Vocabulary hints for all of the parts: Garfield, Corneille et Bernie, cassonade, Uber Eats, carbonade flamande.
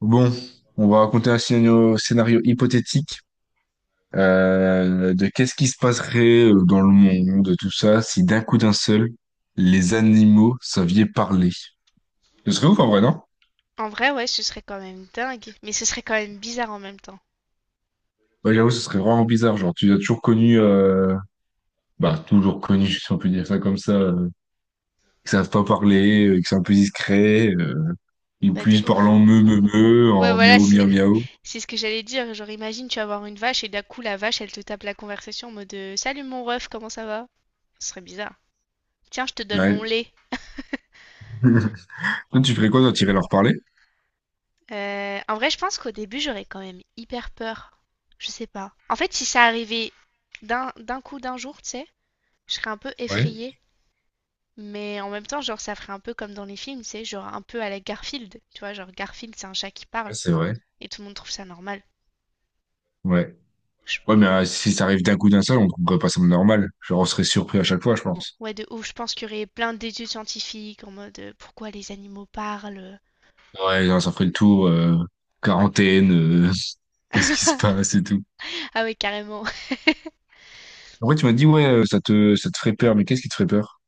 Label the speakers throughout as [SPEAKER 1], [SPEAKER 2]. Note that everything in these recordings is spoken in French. [SPEAKER 1] Bon, on va raconter un scénario, scénario hypothétique, de qu'est-ce qui se passerait, dans le monde, tout ça, si d'un coup d'un seul, les animaux savaient parler. Ce serait ouf en vrai, non?
[SPEAKER 2] En vrai, ouais, ce serait quand même dingue, mais ce serait quand même bizarre en même temps.
[SPEAKER 1] Ouais, j'avoue, ce serait vraiment bizarre. Genre, tu as toujours connu, bah, toujours connu, si on peut dire ça comme ça, qui savent pas parler, qui sont un peu discrets, ils
[SPEAKER 2] Bah, de
[SPEAKER 1] puissent parler
[SPEAKER 2] ouf.
[SPEAKER 1] en meu, meu, meu,
[SPEAKER 2] Ouais,
[SPEAKER 1] en
[SPEAKER 2] voilà,
[SPEAKER 1] miaou,
[SPEAKER 2] c'est
[SPEAKER 1] miaou, miaou.
[SPEAKER 2] c'est ce que j'allais dire. Genre, imagine, tu vas voir une vache et d'un coup, la vache, elle te tape la conversation en mode salut mon ref, comment ça va? Ce serait bizarre. Tiens, je te donne mon
[SPEAKER 1] Ouais.
[SPEAKER 2] lait.
[SPEAKER 1] Toi, tu ferais quoi, toi, t'irais leur parler?
[SPEAKER 2] En vrai, je pense qu'au début, j'aurais quand même hyper peur. Je sais pas. En fait, si ça arrivait d'un coup, d'un jour, tu sais, je serais un peu
[SPEAKER 1] Ouais.
[SPEAKER 2] effrayée. Mais en même temps, genre, ça ferait un peu comme dans les films, tu sais, genre un peu à la Garfield. Tu vois, genre Garfield, c'est un chat qui
[SPEAKER 1] Ouais,
[SPEAKER 2] parle
[SPEAKER 1] c'est vrai.
[SPEAKER 2] et tout le monde trouve ça normal.
[SPEAKER 1] Ouais.
[SPEAKER 2] Je-
[SPEAKER 1] Ouais, mais si ça arrive d'un coup d'un seul, on trouverait pas ça normal. Genre, on serait surpris à chaque fois, je pense.
[SPEAKER 2] Ouais, de ouf. Je pense qu'il y aurait plein d'études scientifiques en mode pourquoi les animaux parlent.
[SPEAKER 1] Ouais, genre, ça ferait le tour, quarantaine, euh, qu'est-ce qui se passe et tout.
[SPEAKER 2] Ah ouais, carrément.
[SPEAKER 1] Après, tu m'as dit, ouais, ça te ferait peur, mais qu'est-ce qui te ferait peur,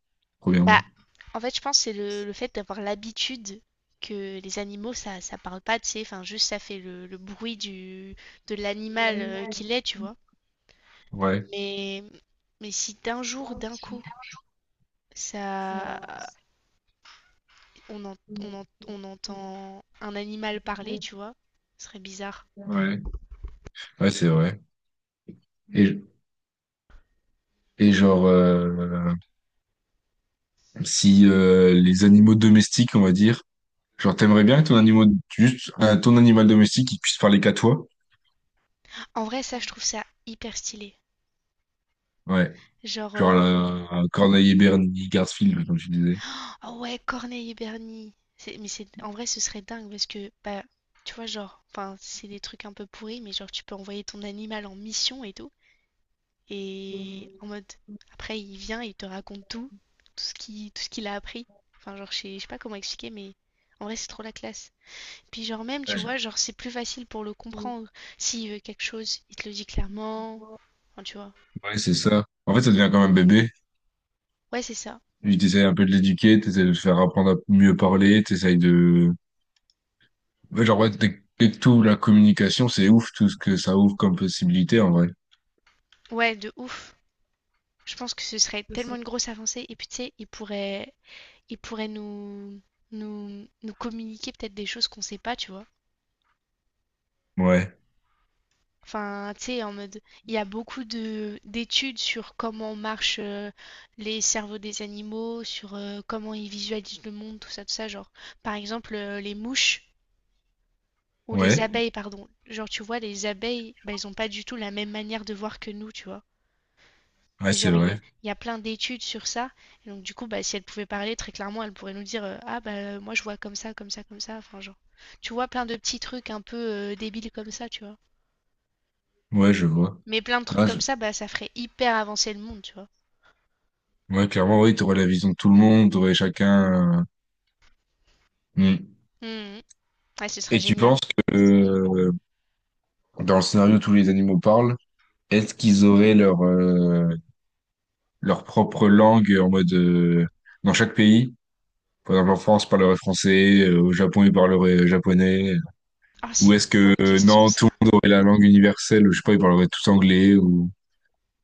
[SPEAKER 2] Bah,
[SPEAKER 1] premièrement?
[SPEAKER 2] en fait, je pense que c'est le fait d'avoir l'habitude que les animaux, ça parle pas, tu sais. Enfin, juste ça fait le bruit de l'animal qu'il est, tu vois.
[SPEAKER 1] Ouais,
[SPEAKER 2] Mais, mais si d'un jour, d'un coup, ça, on entend un animal parler, tu vois, ce serait bizarre.
[SPEAKER 1] ouais, ouais, c'est vrai. Et, et genre, si les animaux domestiques, on va dire, genre, t'aimerais bien que ton animal, juste ton animal domestique, il puisse parler qu'à toi?
[SPEAKER 2] En vrai, ça, je trouve ça hyper stylé.
[SPEAKER 1] Ouais,
[SPEAKER 2] Genre,
[SPEAKER 1] genre, la, un Corneille et Bernie, Garfield, comme tu disais.
[SPEAKER 2] Oh ouais, Corneille et Bernie. C'est- Mais c'est en vrai, ce serait dingue parce que bah tu vois genre, enfin c'est des trucs un peu pourris, mais genre tu peux envoyer ton animal en mission et tout, et en mode après il vient et il te raconte tout, tout ce qu'il a appris. Enfin genre je sais pas comment expliquer, mais en vrai c'est trop la classe. Puis genre même tu vois genre c'est plus facile pour le comprendre. S'il veut quelque chose, il te le dit clairement. Enfin tu vois.
[SPEAKER 1] Ouais, c'est ça. En fait, ça devient comme un bébé.
[SPEAKER 2] Ouais c'est ça.
[SPEAKER 1] Tu t'essayes un peu de l'éduquer, t'essayes de le faire apprendre à mieux parler, t'essayes de... Ouais, genre, ouais, dès que t'ouvres la communication, c'est ouf tout ce que ça ouvre comme possibilité, en vrai.
[SPEAKER 2] Ouais de ouf. Je pense que ce serait tellement une grosse avancée et puis tu sais il pourrait nous, nous communiquer peut-être des choses qu'on sait pas, tu vois.
[SPEAKER 1] Ouais,
[SPEAKER 2] Enfin, tu sais, en mode, il y a beaucoup de d'études sur comment marchent les cerveaux des animaux, sur comment ils visualisent le monde, tout ça, tout ça. Genre, par exemple, les mouches ou les
[SPEAKER 1] ouais,
[SPEAKER 2] abeilles, pardon. Genre, tu vois, les abeilles, bah, elles ont pas du tout la même manière de voir que nous, tu vois.
[SPEAKER 1] ouais,
[SPEAKER 2] Et
[SPEAKER 1] c'est
[SPEAKER 2] genre,
[SPEAKER 1] vrai.
[SPEAKER 2] il y a plein d'études sur ça. Et donc, du coup, bah, si elle pouvait parler très clairement, elle pourrait nous dire ah, bah, moi, je vois comme ça, comme ça, comme ça. Enfin, genre, tu vois, plein de petits trucs un peu débiles comme ça, tu vois.
[SPEAKER 1] Ouais, je vois.
[SPEAKER 2] Mais plein de trucs
[SPEAKER 1] Ah, je-
[SPEAKER 2] comme ça, bah, ça ferait hyper avancer le monde, tu vois.
[SPEAKER 1] Ouais, clairement, oui, t'aurais la vision de tout le monde, t'aurais chacun... Hmm.
[SPEAKER 2] Mhm. Ouais, ce serait
[SPEAKER 1] Et tu
[SPEAKER 2] génial.
[SPEAKER 1] penses que dans le scénario, tous les animaux parlent, est-ce qu'ils auraient leur, leur propre langue en mode... dans chaque pays? Par exemple, en France, parlerait français, au Japon, ils parleraient japonais.
[SPEAKER 2] Ah,
[SPEAKER 1] Ou
[SPEAKER 2] c'est
[SPEAKER 1] est-ce
[SPEAKER 2] une
[SPEAKER 1] que,
[SPEAKER 2] bonne question,
[SPEAKER 1] non, tout
[SPEAKER 2] ça.
[SPEAKER 1] le monde aurait la langue universelle, je sais pas, ils parleraient tous anglais, ou...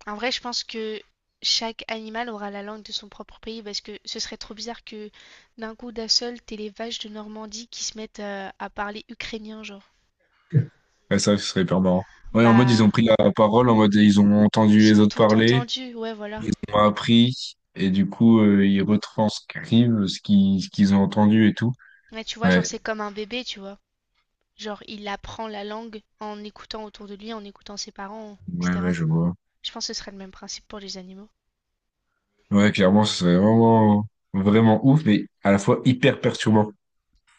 [SPEAKER 2] En vrai, je pense que chaque animal aura la langue de son propre pays parce que ce serait trop bizarre que d'un coup d'un seul, t'aies les vaches de Normandie qui se mettent à parler ukrainien, genre.
[SPEAKER 1] Ouais, ça, ce serait hyper marrant. Ouais, en mode, ils
[SPEAKER 2] Bah,
[SPEAKER 1] ont pris la parole, en mode, ils ont entendu
[SPEAKER 2] ils
[SPEAKER 1] les
[SPEAKER 2] ont
[SPEAKER 1] autres
[SPEAKER 2] tout
[SPEAKER 1] parler,
[SPEAKER 2] entendu, ouais, voilà.
[SPEAKER 1] ils ont appris, et du coup, ils retranscrivent ce qu'ils ont entendu et tout.
[SPEAKER 2] Ouais, tu vois, genre,
[SPEAKER 1] Ouais,
[SPEAKER 2] c'est comme un bébé, tu vois. Genre, il apprend la langue en écoutant autour de lui, en écoutant ses parents,
[SPEAKER 1] ouais, ouais,
[SPEAKER 2] etc.
[SPEAKER 1] je vois.
[SPEAKER 2] Je pense que ce serait le même principe pour les animaux.
[SPEAKER 1] Ouais, clairement, ce serait vraiment, vraiment ouf, mais à la fois hyper perturbant.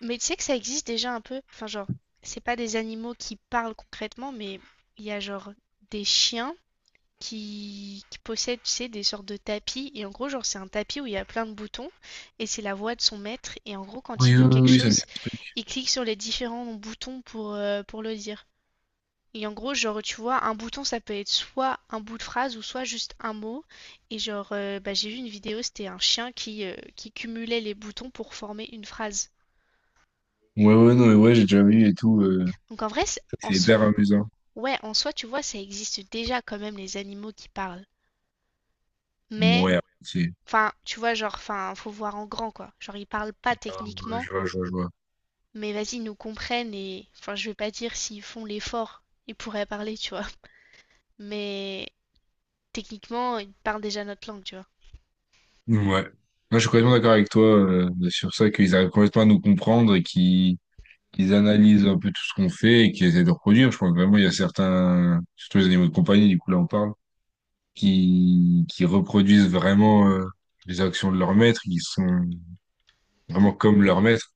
[SPEAKER 2] Mais tu sais que ça existe déjà un peu. Enfin, genre, c'est pas des animaux qui parlent concrètement, mais il y a genre des chiens qui possèdent, tu sais, des sortes de tapis. Et en gros, genre, c'est un tapis où il y a plein de boutons et c'est la voix de son maître. Et en gros, quand il
[SPEAKER 1] Oui,
[SPEAKER 2] veut
[SPEAKER 1] oui,
[SPEAKER 2] quelque
[SPEAKER 1] oui, ça me dit un
[SPEAKER 2] chose,
[SPEAKER 1] truc.
[SPEAKER 2] il clique sur les différents boutons pour le dire. Et en gros, genre, tu vois, un bouton, ça peut être soit un bout de phrase ou soit juste un mot. Et genre, bah, j'ai vu une vidéo, c'était un chien qui cumulait les boutons pour former une phrase.
[SPEAKER 1] Ouais, ouais, non, mais ouais, j'ai déjà vu et tout.
[SPEAKER 2] Donc en vrai, c'est- en
[SPEAKER 1] C'est
[SPEAKER 2] soi,
[SPEAKER 1] hyper amusant.
[SPEAKER 2] ouais, en soi, tu vois, ça existe déjà quand même les animaux qui parlent. Mais,
[SPEAKER 1] Ouais, c'est.
[SPEAKER 2] enfin, tu vois, genre, enfin, faut voir en grand, quoi. Genre, ils parlent pas
[SPEAKER 1] Ah, ouais,
[SPEAKER 2] techniquement,
[SPEAKER 1] je vois, je vois, je vois.
[SPEAKER 2] mais vas-y, ils nous comprennent et, enfin, je vais pas dire s'ils font l'effort, ils pourraient parler, tu vois. Mais techniquement, ils parlent déjà notre langue, tu vois.
[SPEAKER 1] Ouais. Moi, je suis complètement d'accord avec toi sur ça, qu'ils arrivent complètement à nous comprendre et qu'ils analysent un peu tout ce qu'on fait et qu'ils essaient de reproduire. Je pense vraiment il y a certains, surtout les animaux de compagnie, du coup, là, on parle, qui reproduisent vraiment, les actions de leur maître, qui sont vraiment comme leur maître.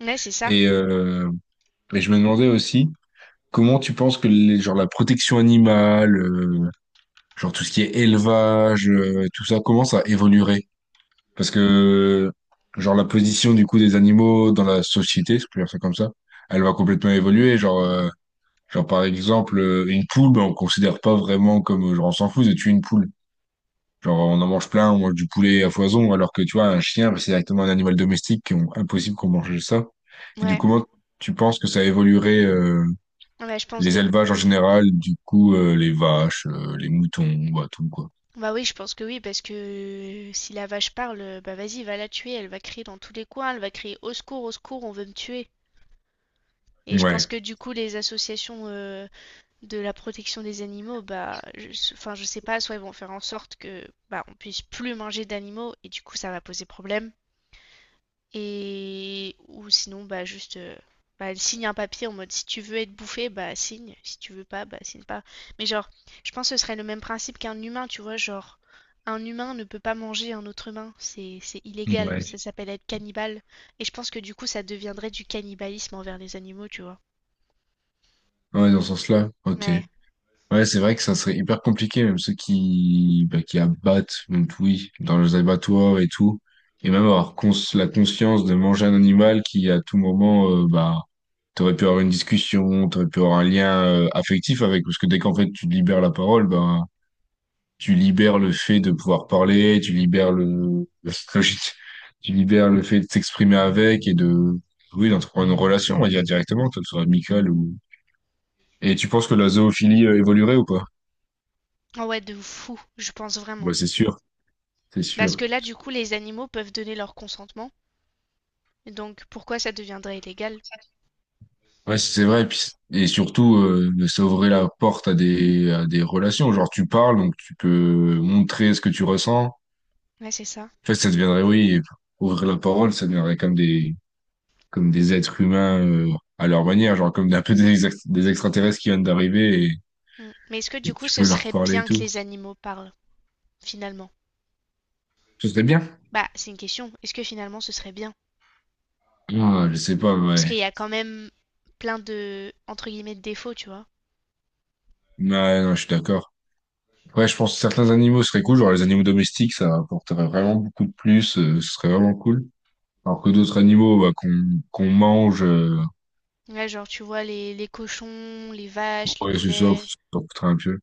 [SPEAKER 2] Ouais, c'est ça.
[SPEAKER 1] Et, euh, et je me demandais aussi. Comment tu penses que les, genre la protection animale, genre tout ce qui est élevage, tout ça, comment ça évoluerait? Parce que genre la position du coup des animaux dans la société, si je peux dire ça comme ça, elle va complètement évoluer. Genre, genre par exemple une poule, ben, on considère pas vraiment comme, genre on s'en fout de tuer une poule. Genre on en mange plein, on mange du poulet à foison, alors que tu vois un chien, ben, c'est directement un animal domestique, qui ont- impossible qu'on mange ça. Et du
[SPEAKER 2] Ouais,
[SPEAKER 1] coup, comment tu penses que ça évoluerait?
[SPEAKER 2] ouais, je pense
[SPEAKER 1] Les
[SPEAKER 2] de...
[SPEAKER 1] élevages en général, du coup, les vaches, les moutons, bah, tout, quoi.
[SPEAKER 2] Bah oui, je pense que oui, parce que si la vache parle, bah vas-y, va la tuer, elle va crier dans tous les coins, elle va crier au secours, on veut me tuer. Et je pense
[SPEAKER 1] Ouais,
[SPEAKER 2] que du coup, les associations de la protection des animaux, bah, je, enfin, je sais pas, soit ils vont faire en sorte que, bah, on puisse plus manger d'animaux, et du coup, ça va poser problème. Et ou sinon bah juste bah, elle signe un papier en mode si tu veux être bouffé, bah signe, si tu veux pas, bah signe pas. Mais genre, je pense que ce serait le même principe qu'un humain, tu vois, genre un humain ne peut pas manger un autre humain, c'est illégal, ça
[SPEAKER 1] ouais.
[SPEAKER 2] s'appelle être cannibale et je pense que du coup ça deviendrait du cannibalisme envers les animaux, tu vois.
[SPEAKER 1] Ouais, dans ce sens-là, ok.
[SPEAKER 2] Ouais.
[SPEAKER 1] Ouais, c'est vrai que ça serait hyper compliqué, même ceux qui, bah, qui abattent, donc oui, dans les abattoirs et tout. Et même avoir cons- la conscience de manger un animal qui, à tout moment, bah, t'aurais pu avoir une discussion, t'aurais pu avoir un lien, affectif avec, parce que dès qu'en fait tu libères la parole, bah, tu libères le fait de pouvoir parler, tu libères le, tu libères le fait de t'exprimer avec et de, oui, d'entreprendre une relation, on va dire directement, que ce soit amicale ou. Et tu penses que la zoophilie, évoluerait ou pas?
[SPEAKER 2] Ah ouais, de fou, je pense
[SPEAKER 1] Ouais,
[SPEAKER 2] vraiment.
[SPEAKER 1] c'est sûr, c'est
[SPEAKER 2] Parce
[SPEAKER 1] sûr.
[SPEAKER 2] que là du coup les animaux peuvent donner leur consentement, donc pourquoi ça deviendrait illégal?
[SPEAKER 1] Ouais, c'est vrai. Et, puis, et surtout, ça ouvrait la porte à des relations. Genre, tu parles, donc tu peux montrer ce que tu ressens. En
[SPEAKER 2] Ouais, c'est ça.
[SPEAKER 1] fait, ça deviendrait, oui, ouvrir la parole, ça deviendrait comme des êtres humains, à leur manière, genre comme un peu des, ex- des extraterrestres qui viennent d'arriver
[SPEAKER 2] Mm. Mais est-ce que
[SPEAKER 1] et
[SPEAKER 2] du
[SPEAKER 1] que
[SPEAKER 2] coup
[SPEAKER 1] tu
[SPEAKER 2] ce
[SPEAKER 1] peux leur
[SPEAKER 2] serait
[SPEAKER 1] parler et
[SPEAKER 2] bien que
[SPEAKER 1] tout.
[SPEAKER 2] les animaux parlent? Finalement?
[SPEAKER 1] Ce serait bien.
[SPEAKER 2] Bah, c'est une question. Est-ce que finalement ce serait bien?
[SPEAKER 1] Ah, je sais pas,
[SPEAKER 2] Parce
[SPEAKER 1] ouais.
[SPEAKER 2] qu'il y a quand même plein de, entre guillemets, de défauts, tu vois.
[SPEAKER 1] Ouais, non, je suis d'accord. Ouais, je pense que certains animaux seraient cool, genre les animaux domestiques, ça apporterait vraiment beaucoup de plus, ce serait vraiment cool. Alors que d'autres animaux, bah, qu'on mange,
[SPEAKER 2] Ouais, genre, tu vois, les cochons, les vaches, les
[SPEAKER 1] ouais, c'est ça,
[SPEAKER 2] poulets.
[SPEAKER 1] ça coûterait un peu.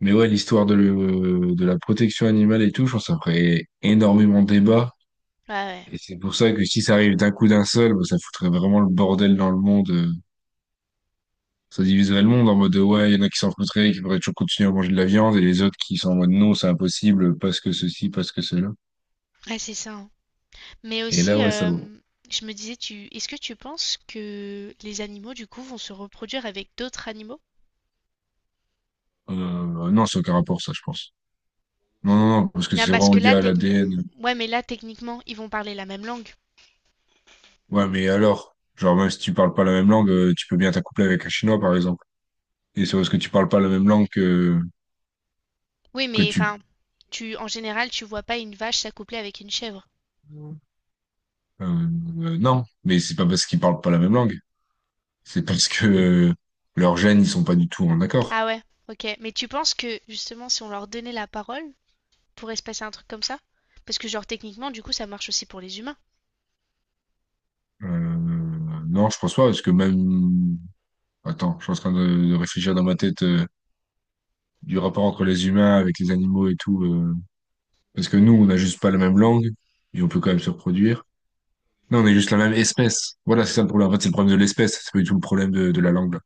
[SPEAKER 1] Mais ouais, l'histoire de, le- de la protection animale et tout, je pense que ça ferait énormément de débat.
[SPEAKER 2] Ouais, ouais.
[SPEAKER 1] Et c'est pour ça que si ça arrive d'un coup d'un seul, bah, ça foutrait vraiment le bordel dans le monde. Ça diviserait le monde en mode ouais, il y en a qui s'en foutraient, qui pourraient toujours continuer à manger de la viande, et les autres qui sont en mode non, c'est impossible, parce que ceci, parce que cela.
[SPEAKER 2] Ouais, c'est ça, hein. Mais
[SPEAKER 1] Et là,
[SPEAKER 2] aussi,
[SPEAKER 1] ouais, ça vaut.
[SPEAKER 2] je me disais, tu, est-ce que tu penses que les animaux, du coup, vont se reproduire avec d'autres animaux?
[SPEAKER 1] Non, c'est aucun rapport, ça, je pense. Non, non, non, parce que
[SPEAKER 2] Ah,
[SPEAKER 1] c'est
[SPEAKER 2] parce
[SPEAKER 1] vraiment
[SPEAKER 2] que
[SPEAKER 1] lié
[SPEAKER 2] là,
[SPEAKER 1] à
[SPEAKER 2] technique...
[SPEAKER 1] l'ADN.
[SPEAKER 2] Ouais, mais là, techniquement, ils vont parler la même langue.
[SPEAKER 1] Ouais, mais alors, genre, même si tu parles pas la même langue, tu peux bien t'accoupler avec un Chinois, par exemple. Et c'est parce que tu parles pas la même langue
[SPEAKER 2] Oui,
[SPEAKER 1] que
[SPEAKER 2] mais
[SPEAKER 1] tu...
[SPEAKER 2] enfin, tu, en général, tu vois pas une vache s'accoupler avec une chèvre.
[SPEAKER 1] non, mais c'est pas parce qu'ils parlent pas la même langue. C'est parce que, leurs gènes, ils sont pas du tout en accord.
[SPEAKER 2] Ah ouais, ok. Mais tu penses que justement, si on leur donnait la parole, pourrait se passer un truc comme ça? Parce que genre techniquement, du coup, ça marche aussi pour les humains.
[SPEAKER 1] Euh, non, je pense pas, parce que même... Attends, je suis en train de réfléchir dans ma tête, du rapport entre les humains avec les animaux et tout. Parce que nous, on n'a juste pas la même langue, et on peut quand même se reproduire. Non, on est juste la même espèce. Voilà, c'est ça le problème. En fait, c'est le problème de l'espèce. C'est pas du tout le problème de la langue, là.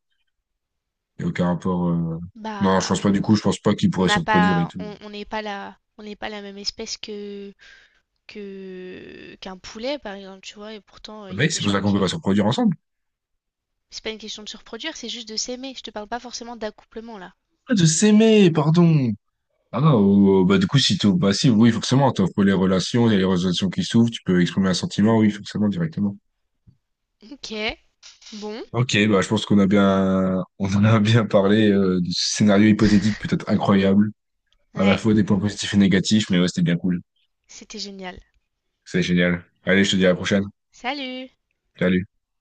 [SPEAKER 1] Il y a aucun rapport... Non, je pense
[SPEAKER 2] Bah,
[SPEAKER 1] pas du coup, je pense pas qu'ils
[SPEAKER 2] on
[SPEAKER 1] pourraient
[SPEAKER 2] n'a
[SPEAKER 1] se reproduire et
[SPEAKER 2] pas,
[SPEAKER 1] tout.
[SPEAKER 2] on n'est pas la, on n'est pas la même espèce que qu'un poulet, par exemple, tu vois. Et pourtant,
[SPEAKER 1] Ah,
[SPEAKER 2] il y a
[SPEAKER 1] Mec,
[SPEAKER 2] des
[SPEAKER 1] c'est pour
[SPEAKER 2] gens
[SPEAKER 1] ça qu'on peut pas
[SPEAKER 2] qui.
[SPEAKER 1] se reproduire ensemble.
[SPEAKER 2] C'est pas une question de se reproduire, c'est juste de s'aimer. Je te parle pas forcément d'accouplement là.
[SPEAKER 1] Ah, de s'aimer, pardon. Ah, bah, du coup, si tu, bah, si, oui, forcément, tu les relations, il y a les relations qui s'ouvrent, tu peux exprimer un sentiment, oui, forcément, directement.
[SPEAKER 2] Ok, bon,
[SPEAKER 1] Ok, bah, je pense qu'on a bien, on en a bien parlé, de ce scénario hypothétique peut-être incroyable, à la
[SPEAKER 2] ouais,
[SPEAKER 1] fois des points positifs et négatifs, mais ouais, c'était bien cool.
[SPEAKER 2] c'était génial.
[SPEAKER 1] C'est génial. Allez, je te dis à la prochaine.
[SPEAKER 2] Salut!
[SPEAKER 1] Salut.